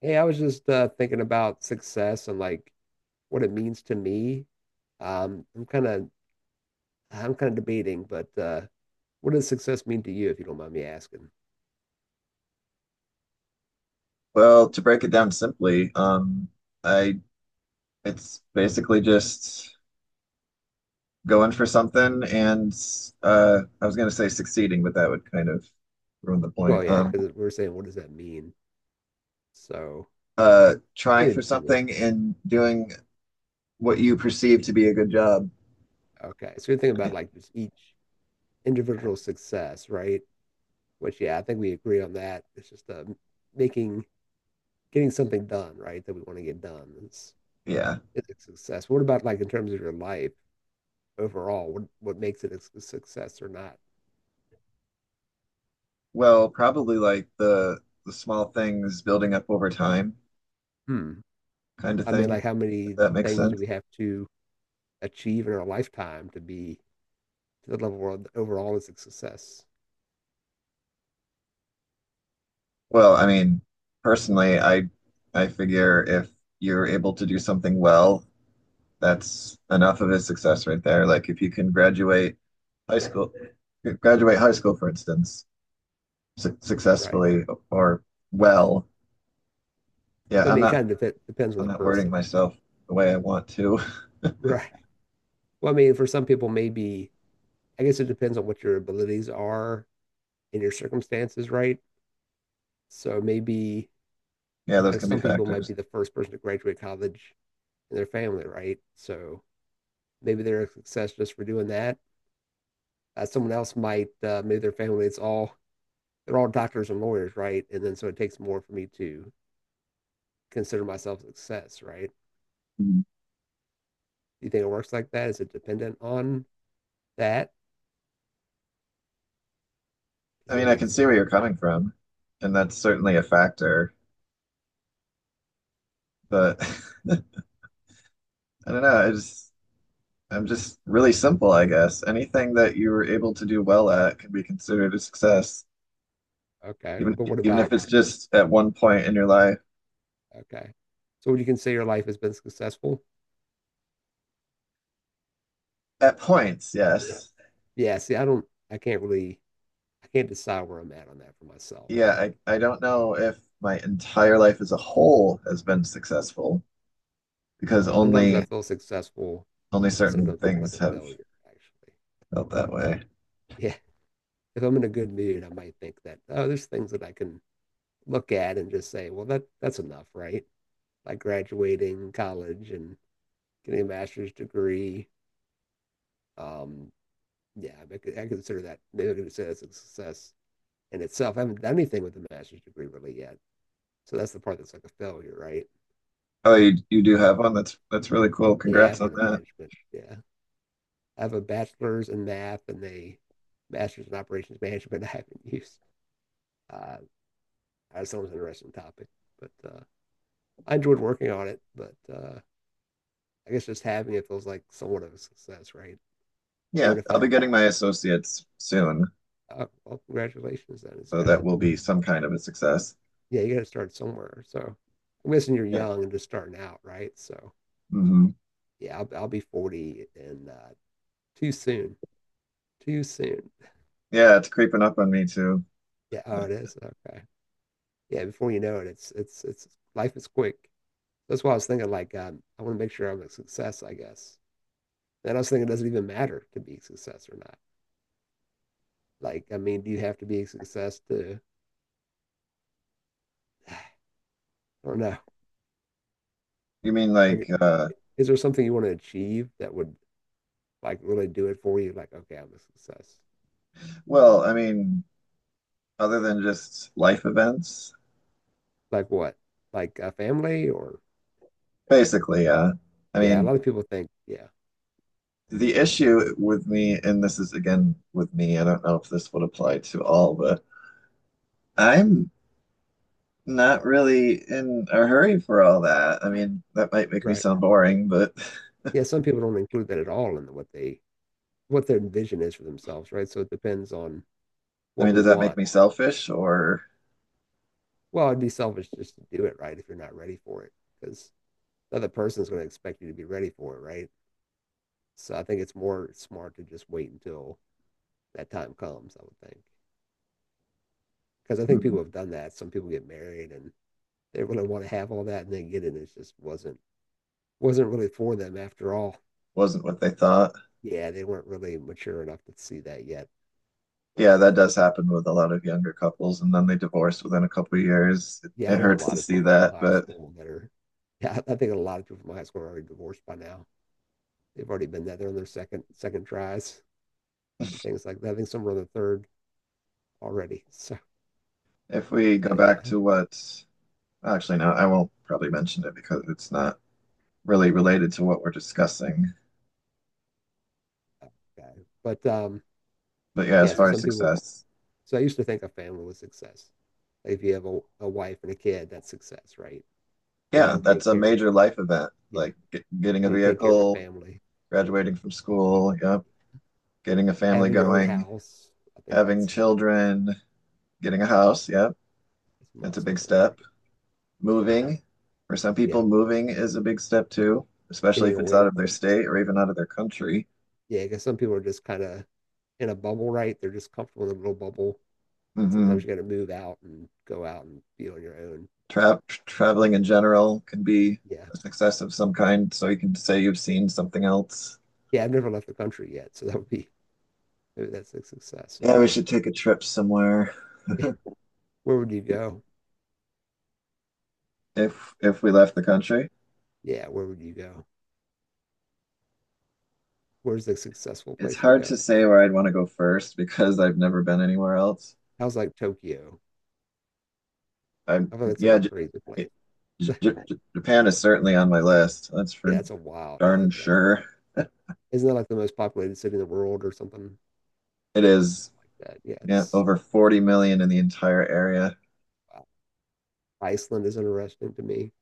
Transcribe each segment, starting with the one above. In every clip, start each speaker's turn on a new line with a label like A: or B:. A: Hey, I was just thinking about success and like what it means to me. Um, I'm kind of I'm kind of debating, but what does success mean to you, if you don't mind me asking?
B: Well, to break it down simply, I it's basically just going for something and I was gonna say succeeding, but that would kind of ruin the
A: Well,
B: point.
A: yeah, because we're saying what does that mean? So you
B: Trying
A: mean
B: for
A: achieving?
B: something and doing what you perceive to be a good job.
A: Okay, so you're thinking about like just each individual success, right? Which yeah, I think we agree on that. It's just making getting something done, right? That we want to get done is
B: Yeah.
A: is a success. What about like in terms of your life overall? What makes it a success or not?
B: Well, probably like the small things building up over time
A: Hmm.
B: kind of
A: I mean,
B: thing,
A: like how
B: if
A: many
B: that makes
A: things do
B: sense.
A: we have to achieve in our lifetime to the level where overall is a success,
B: Well, I mean, personally, I figure if you're able to do something well, that's enough of a success right there. Like if you can high school, graduate high school, for instance,
A: right?
B: successfully or well. Yeah,
A: So, I
B: I'm
A: mean, it
B: not
A: kind of depends on
B: I'm
A: the
B: not wording
A: person,
B: myself the way I want to.
A: right? Well, I mean, for some people, maybe I guess it depends on what your abilities are and your circumstances, right? So maybe
B: Yeah, those
A: like
B: can be
A: some people might
B: factors.
A: be the first person to graduate college in their family, right? So maybe they're a success just for doing that. Someone else might, maybe their family, it's all they're all doctors and lawyers, right? And then so it takes more for me to consider myself success, right?
B: Mhm.
A: Do you think it works like that? Is it dependent on that? Does
B: I
A: that
B: mean, I
A: make
B: can see
A: sense?
B: where you're coming from, and that's certainly a factor, but I don't know. I'm just really simple, I guess. Anything that you were able to do well at can be considered a success,
A: Okay.
B: even
A: But what
B: even if
A: about
B: it's just at one point in your life.
A: okay? So would you consider your life has been successful?
B: At points, yes.
A: Yeah, see, I can't really I can't decide where I'm at on that for myself.
B: Yeah, I don't know if my entire life as a whole has been successful because
A: Sometimes I feel successful
B: only
A: and
B: certain
A: sometimes I feel like
B: things
A: a
B: have
A: failure, actually.
B: felt that way.
A: Yeah. If I'm in a good mood, I might think that, oh, there's things that I can look at and just say, well, that's enough, right? Like graduating college and getting a master's degree. Um, yeah, I consider that's a success in itself. I haven't done anything with a master's degree really yet, so that's the part that's like a failure, right?
B: Oh, you do have one. That's really cool.
A: Yeah, I
B: Congrats on
A: went to
B: that.
A: management. Yeah, I have a bachelor's in math and a master's in operations management. I haven't used. Uh, I just thought it was an interesting topic, but I enjoyed working on it. But I guess just having it feels like somewhat of a success, right?
B: Yeah,
A: Even if I
B: I'll be
A: don't.
B: getting my associates soon,
A: Well, congratulations! Then it's
B: so
A: got
B: that
A: to
B: will be some kind of a success.
A: Yeah, you got to start somewhere. So I'm guessing you're
B: Yeah.
A: young and just starting out, right? So
B: Hmm.
A: yeah, I'll be 40 and too soon, too soon.
B: Yeah, it's creeping up on me too.
A: Yeah, oh, it is. Okay. Yeah, before you know it, it's life is quick. That's why I was thinking like I want to make sure I'm a success, I guess. And I was thinking it doesn't even matter to be a success or not. Like, I mean, do you have to be a success to, I don't know.
B: You mean like
A: Like, is there something you want to achieve that would like really do it for you? Like, okay, I'm a success.
B: well, I mean, other than just life events,
A: Like what? Like a family or
B: basically, yeah. I
A: yeah, a
B: mean,
A: lot of people think, yeah,
B: the issue with me, and this is again with me, I don't know if this would apply to all, but I'm not really in a hurry for all that. I mean, that might make me
A: right.
B: sound boring, but
A: Yeah, some people don't include that at all in what they what their vision is for themselves, right? So it depends on
B: I
A: what
B: mean,
A: we
B: does that make
A: want.
B: me selfish or
A: Well, it'd be selfish just to do it, right, if you're not ready for it, because the other person's going to expect you to be ready for it, right? So I think it's more smart to just wait until that time comes, I would think. Because I think
B: mm,
A: people have done that. Some people get married and they really want to have all that and they get it and it just wasn't really for them after all.
B: wasn't what they thought?
A: Yeah, they weren't really mature enough to see that yet.
B: Yeah, that
A: So,
B: does happen with a lot of younger couples, and then they divorce within a couple of years. It,
A: yeah,
B: it
A: I know a
B: hurts to
A: lot of
B: see
A: people from
B: that,
A: high
B: but
A: school that are, yeah, I think a lot of people from high school are already divorced by now. They've already been there. They're on their second tries and things like that. I think some are on the third already. So,
B: if
A: but
B: we go back
A: yeah,
B: to what, actually, no, I won't probably mention it because it's not really related to what we're discussing.
A: okay. But
B: But yeah, as
A: yeah. So
B: far as
A: some people.
B: success,
A: So I used to think a family was success. Like if you have a wife and a kid, that's success, right? If you
B: yeah,
A: can
B: that's
A: take
B: a
A: care
B: major
A: of,
B: life event.
A: yeah,
B: Like getting a
A: you can take care of a
B: vehicle,
A: family,
B: graduating from school, yep, getting a family
A: having your own
B: going,
A: house. I think
B: having
A: that's like
B: children, getting a house, yep,
A: that's a
B: that's a big
A: milestone, right?
B: step. Moving, for some
A: Yeah,
B: people, moving is a big step too, especially
A: getting
B: if it's
A: away
B: out of their
A: from
B: state or even out of their country.
A: yeah, because some people are just kind of in a bubble, right? They're just comfortable in a little bubble. Sometimes
B: Hmm.
A: you got to move out and go out and be on your own.
B: Traveling in
A: Um,
B: general can be
A: yeah,
B: a success of some kind, so you can say you've seen something else.
A: yeah. I've never left the country yet, so that would be maybe that's a success. If
B: Yeah, we
A: I
B: should take a trip somewhere
A: yeah, where would you go?
B: if we left the country.
A: Yeah, where would you go? Where's the successful
B: It's
A: place to
B: hard to
A: go?
B: say where I'd want to go first because I've never been anywhere else.
A: How's like Tokyo?
B: I'm
A: I feel that's like
B: yeah,
A: a
B: J
A: crazy place.
B: J J Japan is certainly on my list. That's
A: Yeah,
B: for
A: that's a wild. Yeah,
B: darn
A: that's
B: sure.
A: isn't that like the most populated city in the world or something
B: It
A: like
B: is,
A: that? Yeah,
B: yeah,
A: it's
B: over 40 million in the entire area.
A: wow. Iceland is interesting to me,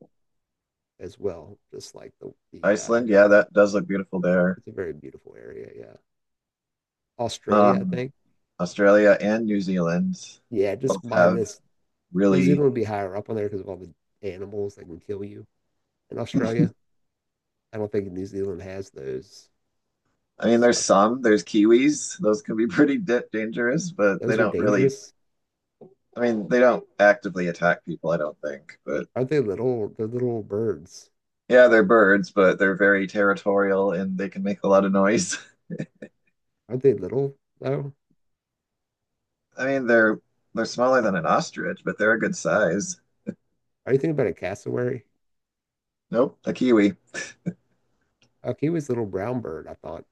A: as well. Just like the
B: Iceland, yeah, that does look beautiful there.
A: it's a very beautiful area. Yeah, Australia, I
B: Um,
A: think.
B: Australia and New Zealand
A: Yeah, just
B: both have
A: minus New
B: really
A: Zealand would be higher up on there because of all the animals that can kill you in Australia. I don't think New Zealand has those.
B: there's
A: So
B: some, there's Kiwis. Those can be pretty da dangerous, but they
A: those are
B: don't really,
A: dangerous.
B: I mean, they don't actively attack people, I don't think. But
A: Aren't they little? They're little birds.
B: yeah, they're birds, but they're very territorial and they can make a lot of noise.
A: Aren't they little though?
B: I mean, they're smaller than an ostrich, but they're a good size.
A: Are you thinking about a cassowary?
B: Nope, a kiwi.
A: Like he was a little brown bird. I thought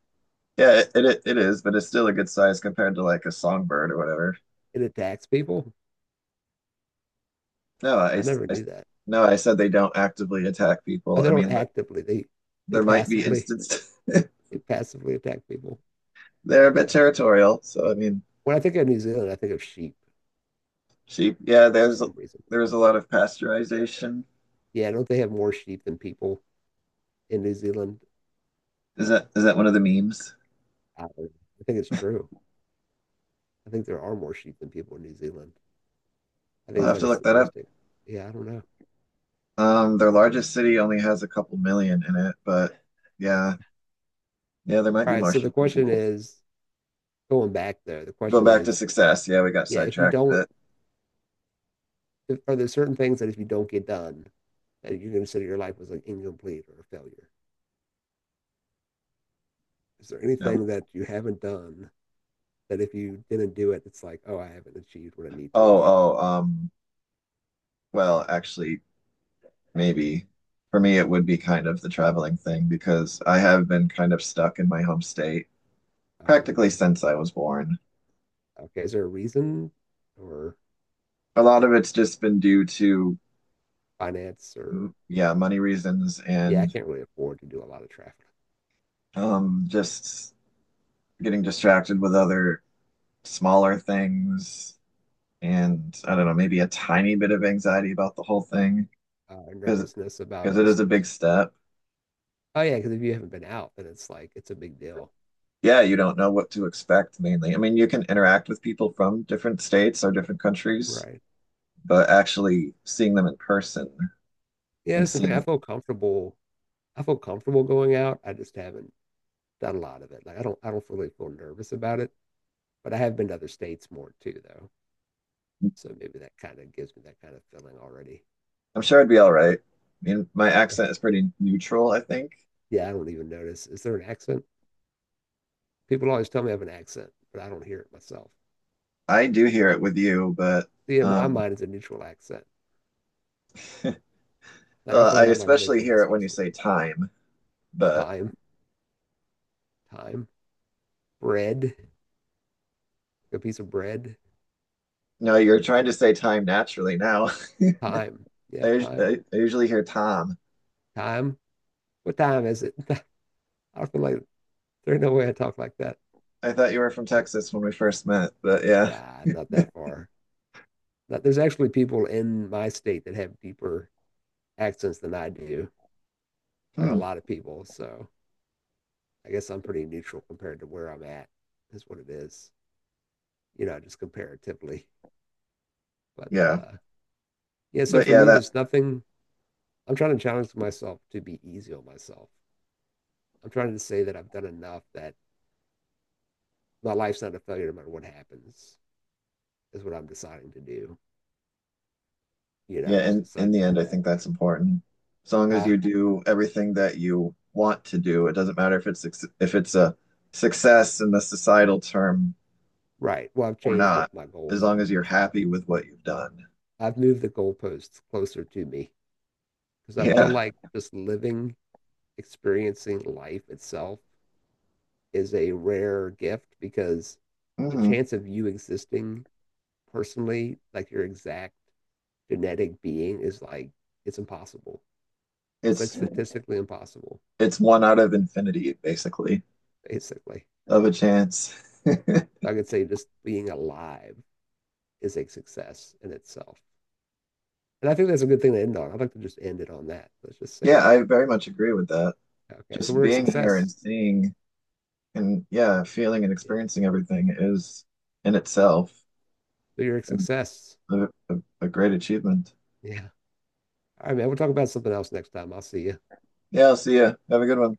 B: Yeah, it is, but it's still a good size compared to like a songbird or whatever.
A: it attacks people.
B: No,
A: I never knew that.
B: I said they don't actively attack people.
A: Oh, they
B: I
A: don't
B: mean, but
A: actively. They
B: there might be
A: passively
B: instances.
A: they passively attack people.
B: They're a bit
A: Okay.
B: territorial. So I mean,
A: When I think of New Zealand, I think of sheep
B: sheep. Yeah,
A: for some reason.
B: there's a lot of pasteurization.
A: Yeah, don't they have more sheep than people in New Zealand?
B: Is that one of the memes?
A: Don't know. I think it's true. I think there are more sheep than people in New Zealand. I think
B: I'll
A: it's
B: have
A: like
B: to
A: a
B: look that up.
A: statistic. Yeah, I don't know.
B: Their largest city only has a couple million in it, but yeah, yeah, there might
A: All
B: be
A: right,
B: more
A: so the
B: Shiki
A: question
B: people.
A: is going back there, the
B: Go
A: question
B: back to
A: is,
B: success. Yeah, we got
A: yeah, if you
B: sidetracked,
A: don't,
B: but
A: if, are there certain things that if you don't get done, that you consider your life was like incomplete or a failure? Is there anything
B: no.
A: that you haven't done that if you didn't do it, it's like, oh, I haven't achieved what I need to?
B: Oh, oh, um, Actually, maybe for me it would be kind of the traveling thing because I have been kind of stuck in my home state
A: Oh,
B: practically
A: okay.
B: since I was born.
A: Okay. Is there a reason or
B: A lot of it's just been due to,
A: finance or
B: yeah, money reasons
A: yeah, I
B: and
A: can't really afford to do a lot of traffic.
B: um, just getting distracted with other smaller things, and I don't know, maybe a tiny bit of anxiety about the whole thing because
A: Nervousness about
B: it is
A: just
B: a big step.
A: oh yeah, because if you haven't been out, then it's like it's a big deal,
B: Yeah, you don't know what to expect mainly. I mean, you can interact with people from different states or different countries,
A: right?
B: but actually seeing them in person
A: Yeah,
B: and
A: that's the thing.
B: seeing,
A: I feel comfortable. I feel comfortable going out. I just haven't done a lot of it. Like I don't really feel nervous about it. But I have been to other states more too, though. So maybe that kind of gives me that kind of feeling already.
B: I'm sure I'd be all right. I mean, my
A: Yeah,
B: accent is pretty neutral, I think.
A: yeah. I don't even notice. Is there an accent? People always tell me I have an accent, but I don't hear it myself.
B: I do hear it with you, but
A: See, in my
B: um,
A: mind, it's a neutral accent. Like I feel
B: I
A: like I'm on
B: especially hear it
A: Midwest
B: when
A: or
B: you say
A: something.
B: time. But
A: Time, time, bread, a piece of bread.
B: no,
A: Is
B: you're
A: that
B: trying to
A: one?
B: say time naturally now.
A: Time, yeah, time,
B: I usually hear Tom.
A: time. What time is it? I feel like there's no way I talk like that.
B: I thought you were from
A: Like,
B: Texas when we first met, but yeah.
A: nah, it's not that far. But there's actually people in my state that have deeper accents than I do, like a
B: Hmm.
A: lot of people. So I guess I'm pretty neutral compared to where I'm at. That's what it is, you know, just comparatively. But
B: Yeah.
A: yeah, so
B: But
A: for
B: yeah,
A: me,
B: that
A: there's nothing, I'm trying to challenge myself to be easy on myself. I'm trying to say that I've done enough that my life's not a failure no matter what happens, is what I'm deciding to do. You know, I'm
B: yeah,
A: just
B: in
A: deciding
B: the
A: to look
B: end
A: at it
B: I
A: that
B: think
A: way.
B: that's important. As long as you
A: Huh?
B: do everything that you want to do, it doesn't matter if it's if it's a success in the societal term
A: Right. Well, I've
B: or
A: changed
B: not,
A: what my
B: as
A: goals
B: long
A: are,
B: as you're
A: basically.
B: happy with what you've done.
A: I've moved the goalposts closer to me because I feel
B: Yeah.
A: like just living, experiencing life itself is a rare gift because the
B: Hmm.
A: chance of you existing personally, like your exact genetic being, is like it's impossible. It's like
B: It's
A: statistically impossible,
B: it's one out of infinity, basically,
A: basically.
B: of a chance.
A: I could say just being alive is a success in itself. And I think that's a good thing to end on. I'd like to just end it on that. Let's just
B: Yeah,
A: say,
B: I very much agree with that.
A: okay, so
B: Just
A: we're a
B: being here and
A: success.
B: seeing and yeah, feeling and
A: Yeah.
B: experiencing everything is in itself
A: So you're a success.
B: a, a, a great achievement.
A: Yeah. All right, man. We'll talk about something else next time. I'll see you.
B: Yeah, I'll see ya. Have a good one.